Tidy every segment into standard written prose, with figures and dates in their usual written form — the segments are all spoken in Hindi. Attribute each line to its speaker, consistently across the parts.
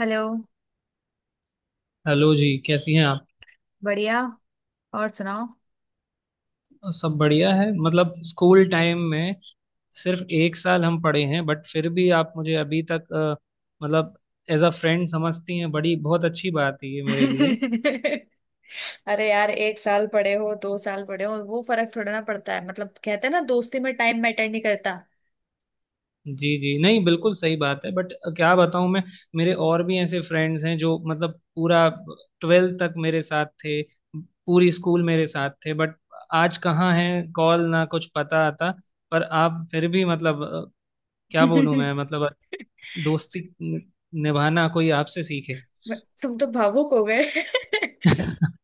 Speaker 1: हेलो।
Speaker 2: हेलो जी, कैसी हैं आप?
Speaker 1: बढ़िया। और सुनाओ।
Speaker 2: सब बढ़िया है। मतलब, स्कूल टाइम में सिर्फ एक साल हम पढ़े हैं, बट फिर भी आप मुझे अभी तक, मतलब, एज अ फ्रेंड समझती हैं। बड़ी बहुत अच्छी बात है ये मेरे लिए।
Speaker 1: अरे यार, एक साल पड़े हो, दो साल पड़े हो, वो फर्क थोड़ा ना पड़ता है। मतलब कहते हैं ना, दोस्ती में टाइम मैटर नहीं करता।
Speaker 2: जी जी, नहीं बिल्कुल सही बात है, बट क्या बताऊं मैं। मेरे और भी ऐसे फ्रेंड्स हैं जो, मतलब, पूरा ट्वेल्थ तक मेरे साथ थे, पूरी स्कूल मेरे साथ थे, बट आज कहाँ हैं, कॉल ना कुछ पता आता। पर आप फिर भी, मतलब, क्या बोलूं मैं, मतलब, दोस्ती निभाना कोई आपसे सीखे।
Speaker 1: तुम तो भावुक हो गए।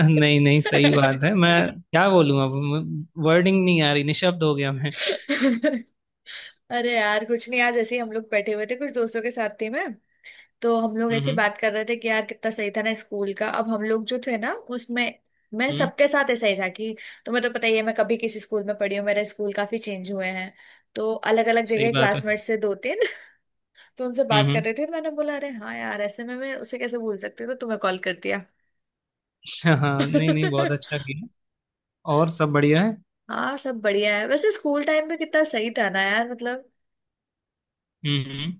Speaker 2: नहीं नहीं, सही बात है मैं, क्या बोलूं, अब वर्डिंग नहीं आ रही, निशब्द हो गया मैं।
Speaker 1: अरे यार कुछ नहीं, आज ऐसे ही हम लोग बैठे हुए थे, कुछ दोस्तों के साथ थी मैं। तो हम लोग ऐसे
Speaker 2: हम्म
Speaker 1: बात कर रहे थे कि यार कितना सही था ना स्कूल का। अब हम लोग जो थे ना उसमें, मैं
Speaker 2: हम्म,
Speaker 1: सबके साथ ऐसा ही था कि तुम्हें तो पता ही है, मैं कभी किसी स्कूल में पढ़ी हूँ, मेरे स्कूल काफी चेंज हुए हैं। तो अलग अलग
Speaker 2: सही
Speaker 1: जगह
Speaker 2: बात है।
Speaker 1: क्लासमेट्स से दो तीन। तो उनसे
Speaker 2: हम्म
Speaker 1: बात कर
Speaker 2: हम्म,
Speaker 1: रहे थे, मैंने बोला अरे हाँ यार, ऐसे में मैं उसे कैसे भूल सकती हूँ, तो तुम्हें कॉल कर दिया।
Speaker 2: हाँ हाँ, नहीं नहीं, बहुत अच्छा किया। और सब बढ़िया है।
Speaker 1: हाँ सब बढ़िया है। वैसे स्कूल टाइम में कितना सही था ना यार, मतलब
Speaker 2: हम्म,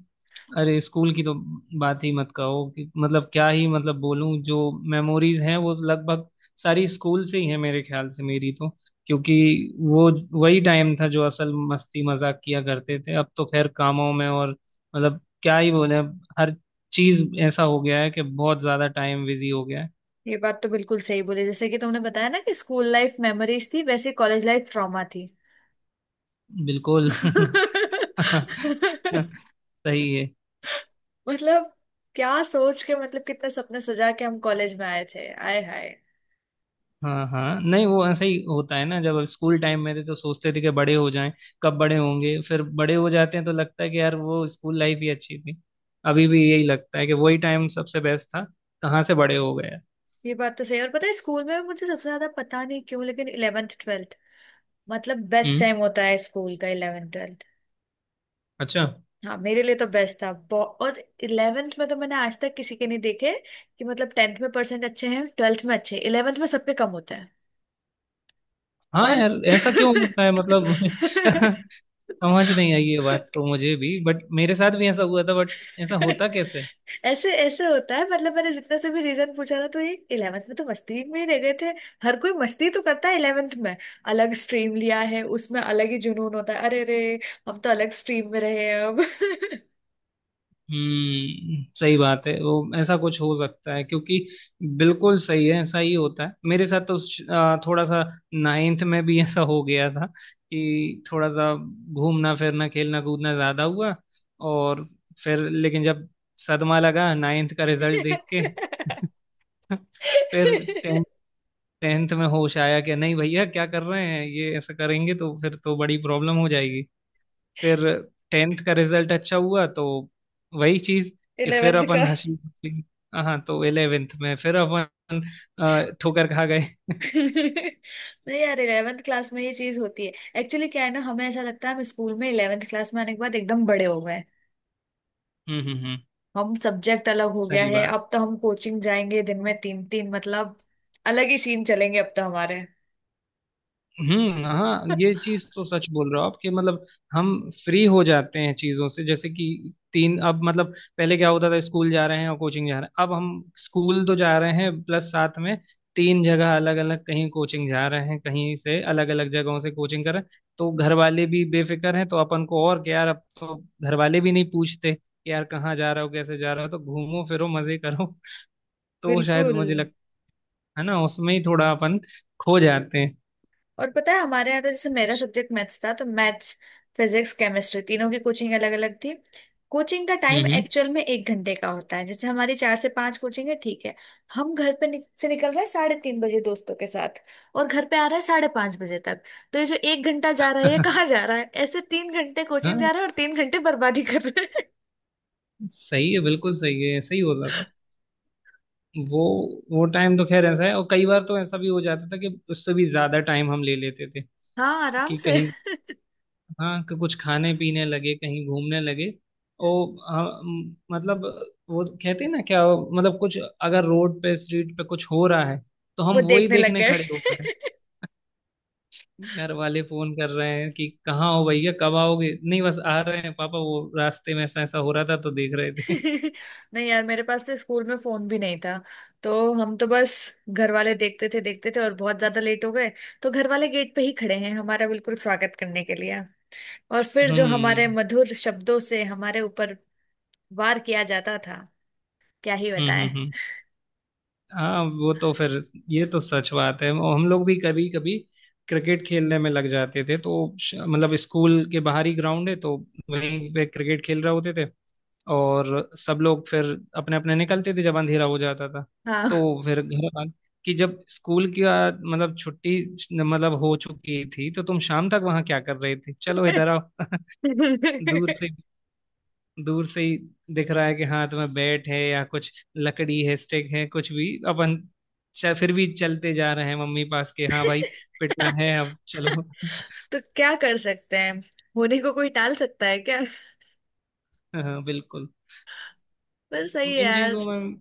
Speaker 2: अरे स्कूल की तो बात ही मत कहो कि, मतलब, क्या ही, मतलब, बोलूं, जो मेमोरीज हैं वो लगभग सारी स्कूल से ही है मेरे ख्याल से, मेरी तो। क्योंकि वो, वही टाइम था जो असल मस्ती मजाक किया करते थे। अब तो खैर कामों में और, मतलब, क्या ही बोले, अब हर चीज ऐसा हो गया है कि बहुत ज्यादा टाइम बिजी हो गया है।
Speaker 1: ये बात तो बिल्कुल सही बोली। जैसे कि तुमने बताया ना कि स्कूल लाइफ मेमोरीज थी, वैसे कॉलेज लाइफ ट्रॉमा थी।
Speaker 2: बिल्कुल। सही है।
Speaker 1: मतलब क्या सोच के, मतलब कितने सपने सजा के हम कॉलेज में आए थे, आए हाय।
Speaker 2: हाँ हाँ, नहीं, वो ऐसा ही होता है ना, जब स्कूल टाइम में थे तो सोचते थे कि बड़े हो जाएं, कब बड़े होंगे। फिर बड़े हो जाते हैं तो लगता है कि यार वो स्कूल लाइफ ही अच्छी थी। अभी भी यही लगता है कि वही टाइम सबसे बेस्ट था, कहाँ से बड़े हो गए।
Speaker 1: ये बात तो सही है। और पता है स्कूल में मुझे सबसे ज्यादा पता नहीं क्यों, लेकिन इलेवेंथ ट्वेल्थ, मतलब बेस्ट
Speaker 2: हम्म,
Speaker 1: टाइम होता है स्कूल का, इलेवेंथ ट्वेल्थ।
Speaker 2: अच्छा।
Speaker 1: हाँ मेरे लिए तो बेस्ट था। और इलेवेंथ में तो मैंने आज तक किसी के नहीं देखे कि मतलब टेंथ में परसेंट अच्छे हैं, ट्वेल्थ में अच्छे, इलेवेंथ में सबके कम होते हैं।
Speaker 2: हाँ
Speaker 1: और
Speaker 2: यार, ऐसा क्यों होता है, मतलब? समझ नहीं आई ये बात तो मुझे भी, बट मेरे साथ भी ऐसा हुआ था। बट ऐसा होता कैसे?
Speaker 1: ऐसे ऐसे होता है। मतलब मैंने जितना से भी रीजन पूछा ना, तो ये 11th में तो मस्ती में ही रह गए थे। हर कोई मस्ती तो करता है 11th में। अलग स्ट्रीम लिया है, उसमें अलग ही जुनून होता है। अरे रे, हम तो अलग स्ट्रीम में रहे हैं अब।
Speaker 2: हम्म, सही बात है। वो, ऐसा कुछ हो सकता है, क्योंकि बिल्कुल सही है, ऐसा ही होता है। मेरे साथ तो थोड़ा सा नाइन्थ में भी ऐसा हो गया था कि, थोड़ा सा घूमना फिरना खेलना कूदना ज्यादा हुआ। और फिर लेकिन, जब सदमा लगा नाइन्थ का रिजल्ट देख के। फिर टेंथ, टेंथ में होश आया कि नहीं भैया, क्या कर रहे हैं ये, ऐसा करेंगे तो फिर तो बड़ी प्रॉब्लम हो जाएगी। फिर टेंथ का रिजल्ट अच्छा हुआ, तो वही चीज कि फिर
Speaker 1: 11th का।
Speaker 2: अपन हंसी खुशी। हाँ, तो इलेवेंथ में फिर अपन ठोकर खा गए।
Speaker 1: नहीं यार, 11th क्लास में ये चीज होती है। एक्चुअली क्या है ना, हमें ऐसा लगता है हम स्कूल में 11th क्लास में आने के बाद एकदम बड़े हो गए।
Speaker 2: हम्म,
Speaker 1: हम सब्जेक्ट अलग हो गया
Speaker 2: सही
Speaker 1: है,
Speaker 2: बात।
Speaker 1: अब तो हम कोचिंग जाएंगे दिन में तीन तीन, मतलब अलग ही सीन चलेंगे अब तो हमारे।
Speaker 2: हम्म, हाँ, ये चीज तो सच बोल रहे हो आप कि, मतलब, हम फ्री हो जाते हैं चीजों से। जैसे कि तीन, अब, मतलब, पहले क्या होता था, स्कूल जा रहे हैं और कोचिंग जा रहे हैं। अब हम स्कूल तो जा रहे हैं, प्लस साथ में तीन जगह अलग अलग कहीं कोचिंग जा रहे हैं, कहीं से अलग अलग जगहों से कोचिंग कर रहे हैं। तो घर वाले भी बेफिक्र हैं, तो अपन को और क्या यार, अब तो घर वाले भी नहीं पूछते कि यार कहाँ जा रहे हो, कैसे जा रहे हो, तो घूमो फिरो मजे करो। तो शायद
Speaker 1: बिल्कुल।
Speaker 2: मुझे लगता है ना, उसमें ही थोड़ा अपन खो जाते हैं।
Speaker 1: और पता है हमारे यहाँ तो, जैसे मेरा सब्जेक्ट मैथ्स था, तो मैथ्स, फिजिक्स, केमिस्ट्री तीनों की कोचिंग अलग अलग थी। कोचिंग का टाइम
Speaker 2: हम्म
Speaker 1: एक्चुअल में एक घंटे का होता है। जैसे हमारी चार से पांच कोचिंग है, ठीक है। हम घर पे से निकल रहे हैं 3:30 बजे दोस्तों के साथ, और घर पे आ रहे हैं 5:30 बजे तक। तो ये जो एक घंटा जा रहा है ये कहाँ जा रहा है? ऐसे 3 घंटे कोचिंग
Speaker 2: हम्म।
Speaker 1: जा रहा है और 3 घंटे बर्बादी कर रहे।
Speaker 2: सही है, बिल्कुल सही है, ऐसा ही होता था। वो वो टाइम तो खैर ऐसा है, और कई बार तो ऐसा भी हो जाता था कि उससे भी ज्यादा टाइम हम ले लेते थे।
Speaker 1: हाँ आराम
Speaker 2: कि
Speaker 1: से।
Speaker 2: कहीं, हाँ, कि कुछ खाने पीने लगे, कहीं घूमने लगे। और मतलब, वो कहते हैं ना क्या, मतलब, कुछ अगर रोड पे स्ट्रीट पे कुछ हो रहा है तो
Speaker 1: वो
Speaker 2: हम वो ही
Speaker 1: देखने लग
Speaker 2: देखने
Speaker 1: गए।
Speaker 2: खड़े हो गए हैं। घर वाले फोन कर रहे हैं कि कहाँ हो भैया, कब आओगे। नहीं बस आ रहे हैं पापा, वो रास्ते में ऐसा ऐसा हो रहा था तो देख रहे थे।
Speaker 1: नहीं यार, मेरे पास तो स्कूल में फोन भी नहीं था। तो हम तो बस, घर वाले देखते थे देखते थे, और बहुत ज्यादा लेट हो गए तो घर वाले गेट पे ही खड़े हैं हमारा बिल्कुल स्वागत करने के लिए। और फिर जो हमारे
Speaker 2: हम्म
Speaker 1: मधुर शब्दों से हमारे ऊपर वार किया जाता था, क्या ही
Speaker 2: हम्म हम्म
Speaker 1: बताएं।
Speaker 2: हम्म। हाँ, वो तो फिर, ये तो सच बात है, वो हम लोग भी कभी कभी क्रिकेट खेलने में लग जाते थे, तो मतलब, स्कूल के बाहर ही ग्राउंड है तो वहीं पे क्रिकेट खेल रहे होते थे। और सब लोग फिर अपने अपने निकलते थे जब अंधेरा हो जाता था।
Speaker 1: हाँ।
Speaker 2: तो फिर घर आ कि, जब स्कूल की मतलब छुट्टी, मतलब, हो चुकी थी तो तुम शाम तक वहां क्या कर रहे थे, चलो इधर आओ। दूर से दूर से ही दिख रहा है कि हाथ में बैट है, या कुछ लकड़ी है, स्टिक है, कुछ भी। अपन फिर भी चलते जा रहे हैं, मम्मी पास के, हाँ भाई, पिटना है अब, चलो।
Speaker 1: तो क्या कर सकते हैं, होने को कोई टाल सकता है क्या?
Speaker 2: हाँ बिल्कुल,
Speaker 1: पर सही
Speaker 2: इन
Speaker 1: है
Speaker 2: चीजों में।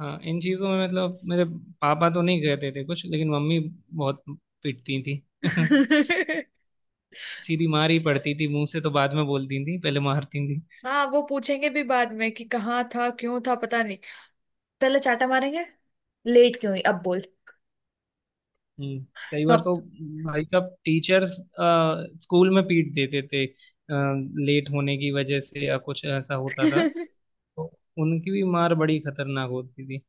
Speaker 2: हाँ, इन चीजों में, मतलब, मेरे पापा तो नहीं कहते थे कुछ, लेकिन मम्मी बहुत पिटती थी।
Speaker 1: यार।
Speaker 2: सीधी मार ही पड़ती थी, मुंह से तो बाद में बोलती थी, पहले मारती।
Speaker 1: हाँ वो पूछेंगे भी बाद में कि कहाँ था, क्यों था, पता नहीं। पहले चाटा मारेंगे, लेट क्यों हुई अब बोल।
Speaker 2: हम्म, कई बार
Speaker 1: अब
Speaker 2: तो भाई साहब टीचर्स स्कूल में पीट देते थे, लेट होने की वजह से या कुछ ऐसा होता था, तो उनकी भी मार बड़ी खतरनाक होती थी।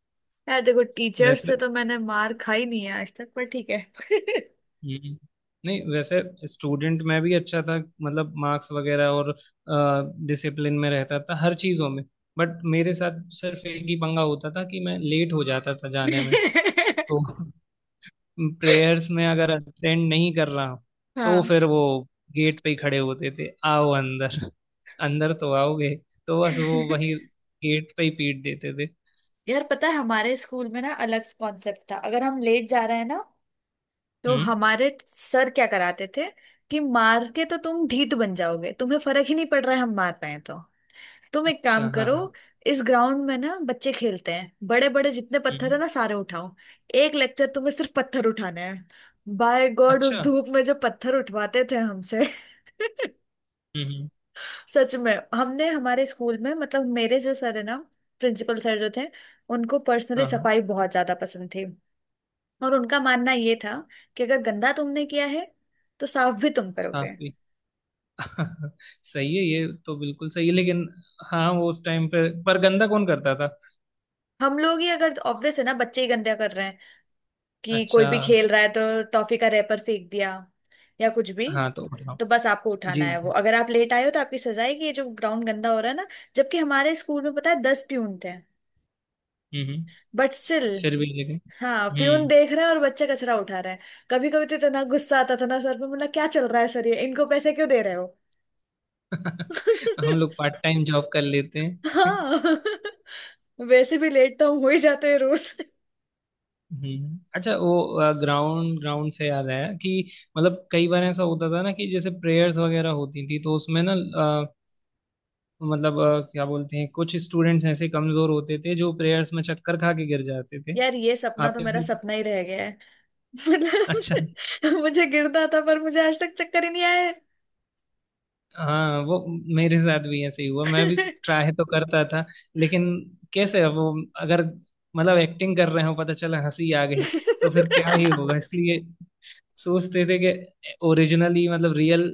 Speaker 1: यार देखो, टीचर से
Speaker 2: वैसे,
Speaker 1: तो मैंने मार खाई नहीं है आज तक, पर ठीक है।
Speaker 2: हम्म, नहीं, वैसे स्टूडेंट में भी अच्छा था, मतलब मार्क्स वगैरह, और डिसिप्लिन में रहता था हर चीज़ों में। बट मेरे साथ सिर्फ एक ही पंगा होता था कि मैं लेट हो जाता था जाने में। तो प्रेयर्स में अगर अटेंड नहीं कर रहा हूँ, तो
Speaker 1: हाँ
Speaker 2: फिर वो गेट पे ही खड़े होते थे, आओ अंदर, अंदर तो आओगे। तो बस वो वही गेट पे ही पीट देते थे।
Speaker 1: यार, पता है हमारे स्कूल में ना अलग कॉन्सेप्ट था। अगर हम लेट जा रहे हैं ना, तो
Speaker 2: हम्म,
Speaker 1: हमारे सर क्या कराते थे कि मार के तो तुम ढीठ बन जाओगे, तुम्हें फर्क ही नहीं पड़ रहा है हम मार रहे हैं तो। तुम एक काम
Speaker 2: अच्छा, हाँ
Speaker 1: करो,
Speaker 2: हाँ।
Speaker 1: इस ग्राउंड में ना बच्चे खेलते हैं, बड़े बड़े जितने पत्थर है
Speaker 2: हम्म,
Speaker 1: ना सारे उठाओ। एक लेक्चर तुम्हें सिर्फ पत्थर उठाना है। बाय गॉड, उस
Speaker 2: अच्छा।
Speaker 1: धूप में जो पत्थर उठवाते थे हमसे।
Speaker 2: हम्म हम्म,
Speaker 1: सच में, हमने हमारे स्कूल में मतलब, मेरे जो सर है ना, प्रिंसिपल सर जो थे, उनको पर्सनली
Speaker 2: हाँ हाँ,
Speaker 1: सफाई बहुत ज्यादा पसंद थी। और उनका मानना ये था कि अगर गंदा तुमने किया है, तो साफ भी तुम
Speaker 2: साफ
Speaker 1: करोगे।
Speaker 2: भी। सही है, ये तो बिल्कुल सही है, लेकिन हाँ, वो उस टाइम पे पर गंदा कौन करता था?
Speaker 1: हम लोग ही अगर, ऑब्वियस है ना बच्चे ही गंदा कर रहे हैं। कि कोई
Speaker 2: अच्छा,
Speaker 1: भी खेल रहा है तो टॉफी का रैपर फेंक दिया या कुछ भी।
Speaker 2: हाँ तो बताओ।
Speaker 1: तो बस आपको उठाना
Speaker 2: जी।
Speaker 1: है वो, अगर आप लेट आए हो तो आपकी सजा है कि ये जो ग्राउंड गंदा हो रहा है ना। जबकि हमारे स्कूल में पता है 10 प्यून थे,
Speaker 2: हम्म हम्म,
Speaker 1: बट स्टिल।
Speaker 2: फिर भी लेकिन।
Speaker 1: हाँ प्यून
Speaker 2: हम्म।
Speaker 1: देख रहे हैं और बच्चा कचरा उठा रहा है। कभी कभी तो इतना गुस्सा आता था ना सर पे, मतलब क्या चल रहा है सर, ये इनको पैसे क्यों दे रहे हो।
Speaker 2: हम लोग पार्ट टाइम जॉब कर लेते हैं।
Speaker 1: हाँ। वैसे भी लेट तो हम हो ही जाते हैं रोज।
Speaker 2: हम्म, अच्छा, वो ग्राउंड, ग्राउंड से याद आया कि, मतलब, कई बार ऐसा होता था ना कि, जैसे प्रेयर्स वगैरह होती थी तो उसमें ना मतलब क्या बोलते हैं, कुछ स्टूडेंट्स ऐसे कमजोर होते थे जो प्रेयर्स में चक्कर खा के गिर जाते थे।
Speaker 1: यार ये सपना तो
Speaker 2: आपके?
Speaker 1: मेरा सपना ही रह गया है।
Speaker 2: अच्छा,
Speaker 1: मतलब मुझे गिरना था, पर मुझे आज तक चक्कर ही नहीं आया।
Speaker 2: हाँ वो मेरे साथ भी ऐसे ही हुआ, मैं भी ट्राई तो करता था, लेकिन कैसे, अब वो अगर, मतलब, एक्टिंग कर रहे हो, पता चला हंसी आ गई, तो फिर क्या ही होगा। इसलिए सोचते थे कि ओरिजिनली, मतलब रियल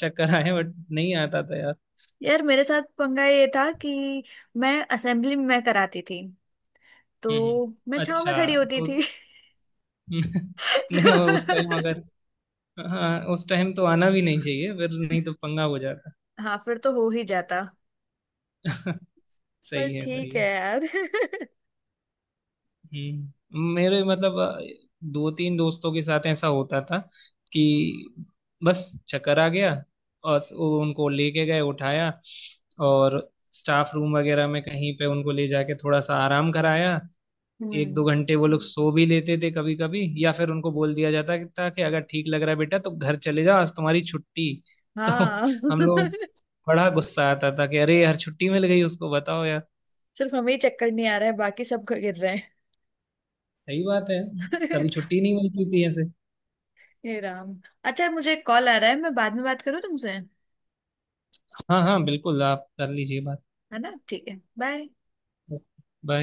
Speaker 2: चक्कर आए, बट नहीं आता था यार।
Speaker 1: यार मेरे साथ पंगा ये था कि मैं असेंबली में कराती थी,
Speaker 2: हम्म हम्म।
Speaker 1: तो मैं छांव में
Speaker 2: अच्छा,
Speaker 1: खड़ी होती
Speaker 2: तो?
Speaker 1: थी।
Speaker 2: नहीं, और उस टाइम
Speaker 1: तो,
Speaker 2: अगर, हाँ, उस टाइम तो आना भी नहीं चाहिए फिर, नहीं तो पंगा हो जाता।
Speaker 1: हाँ फिर तो हो ही जाता। पर
Speaker 2: सही है, सही
Speaker 1: ठीक है
Speaker 2: है।
Speaker 1: यार।
Speaker 2: मेरे, मतलब, दो तीन दोस्तों के साथ ऐसा होता था कि बस चक्कर आ गया, और वो उनको लेके गए, उठाया, और स्टाफ रूम वगैरह में कहीं पे उनको ले जाके थोड़ा सा आराम कराया। एक दो
Speaker 1: हम्म।
Speaker 2: घंटे वो लोग सो भी लेते थे कभी कभी, या फिर उनको बोल दिया जाता था कि, अगर ठीक लग रहा है बेटा तो घर चले जाओ, आज तुम्हारी छुट्टी। तो
Speaker 1: हाँ।
Speaker 2: हम लोग, बड़ा गुस्सा आता था कि अरे यार, छुट्टी मिल गई उसको, बताओ यार।
Speaker 1: सिर्फ हमें ही चक्कर नहीं आ रहा है, बाकी सब गिर रहे हैं।
Speaker 2: सही बात है, कभी छुट्टी नहीं मिलती थी ऐसे।
Speaker 1: हे राम, अच्छा मुझे कॉल आ रहा है, मैं बाद में बात करूँ तुमसे, है
Speaker 2: हाँ हाँ बिल्कुल, आप कर लीजिए बात।
Speaker 1: ना? ठीक है, बाय।
Speaker 2: बाय।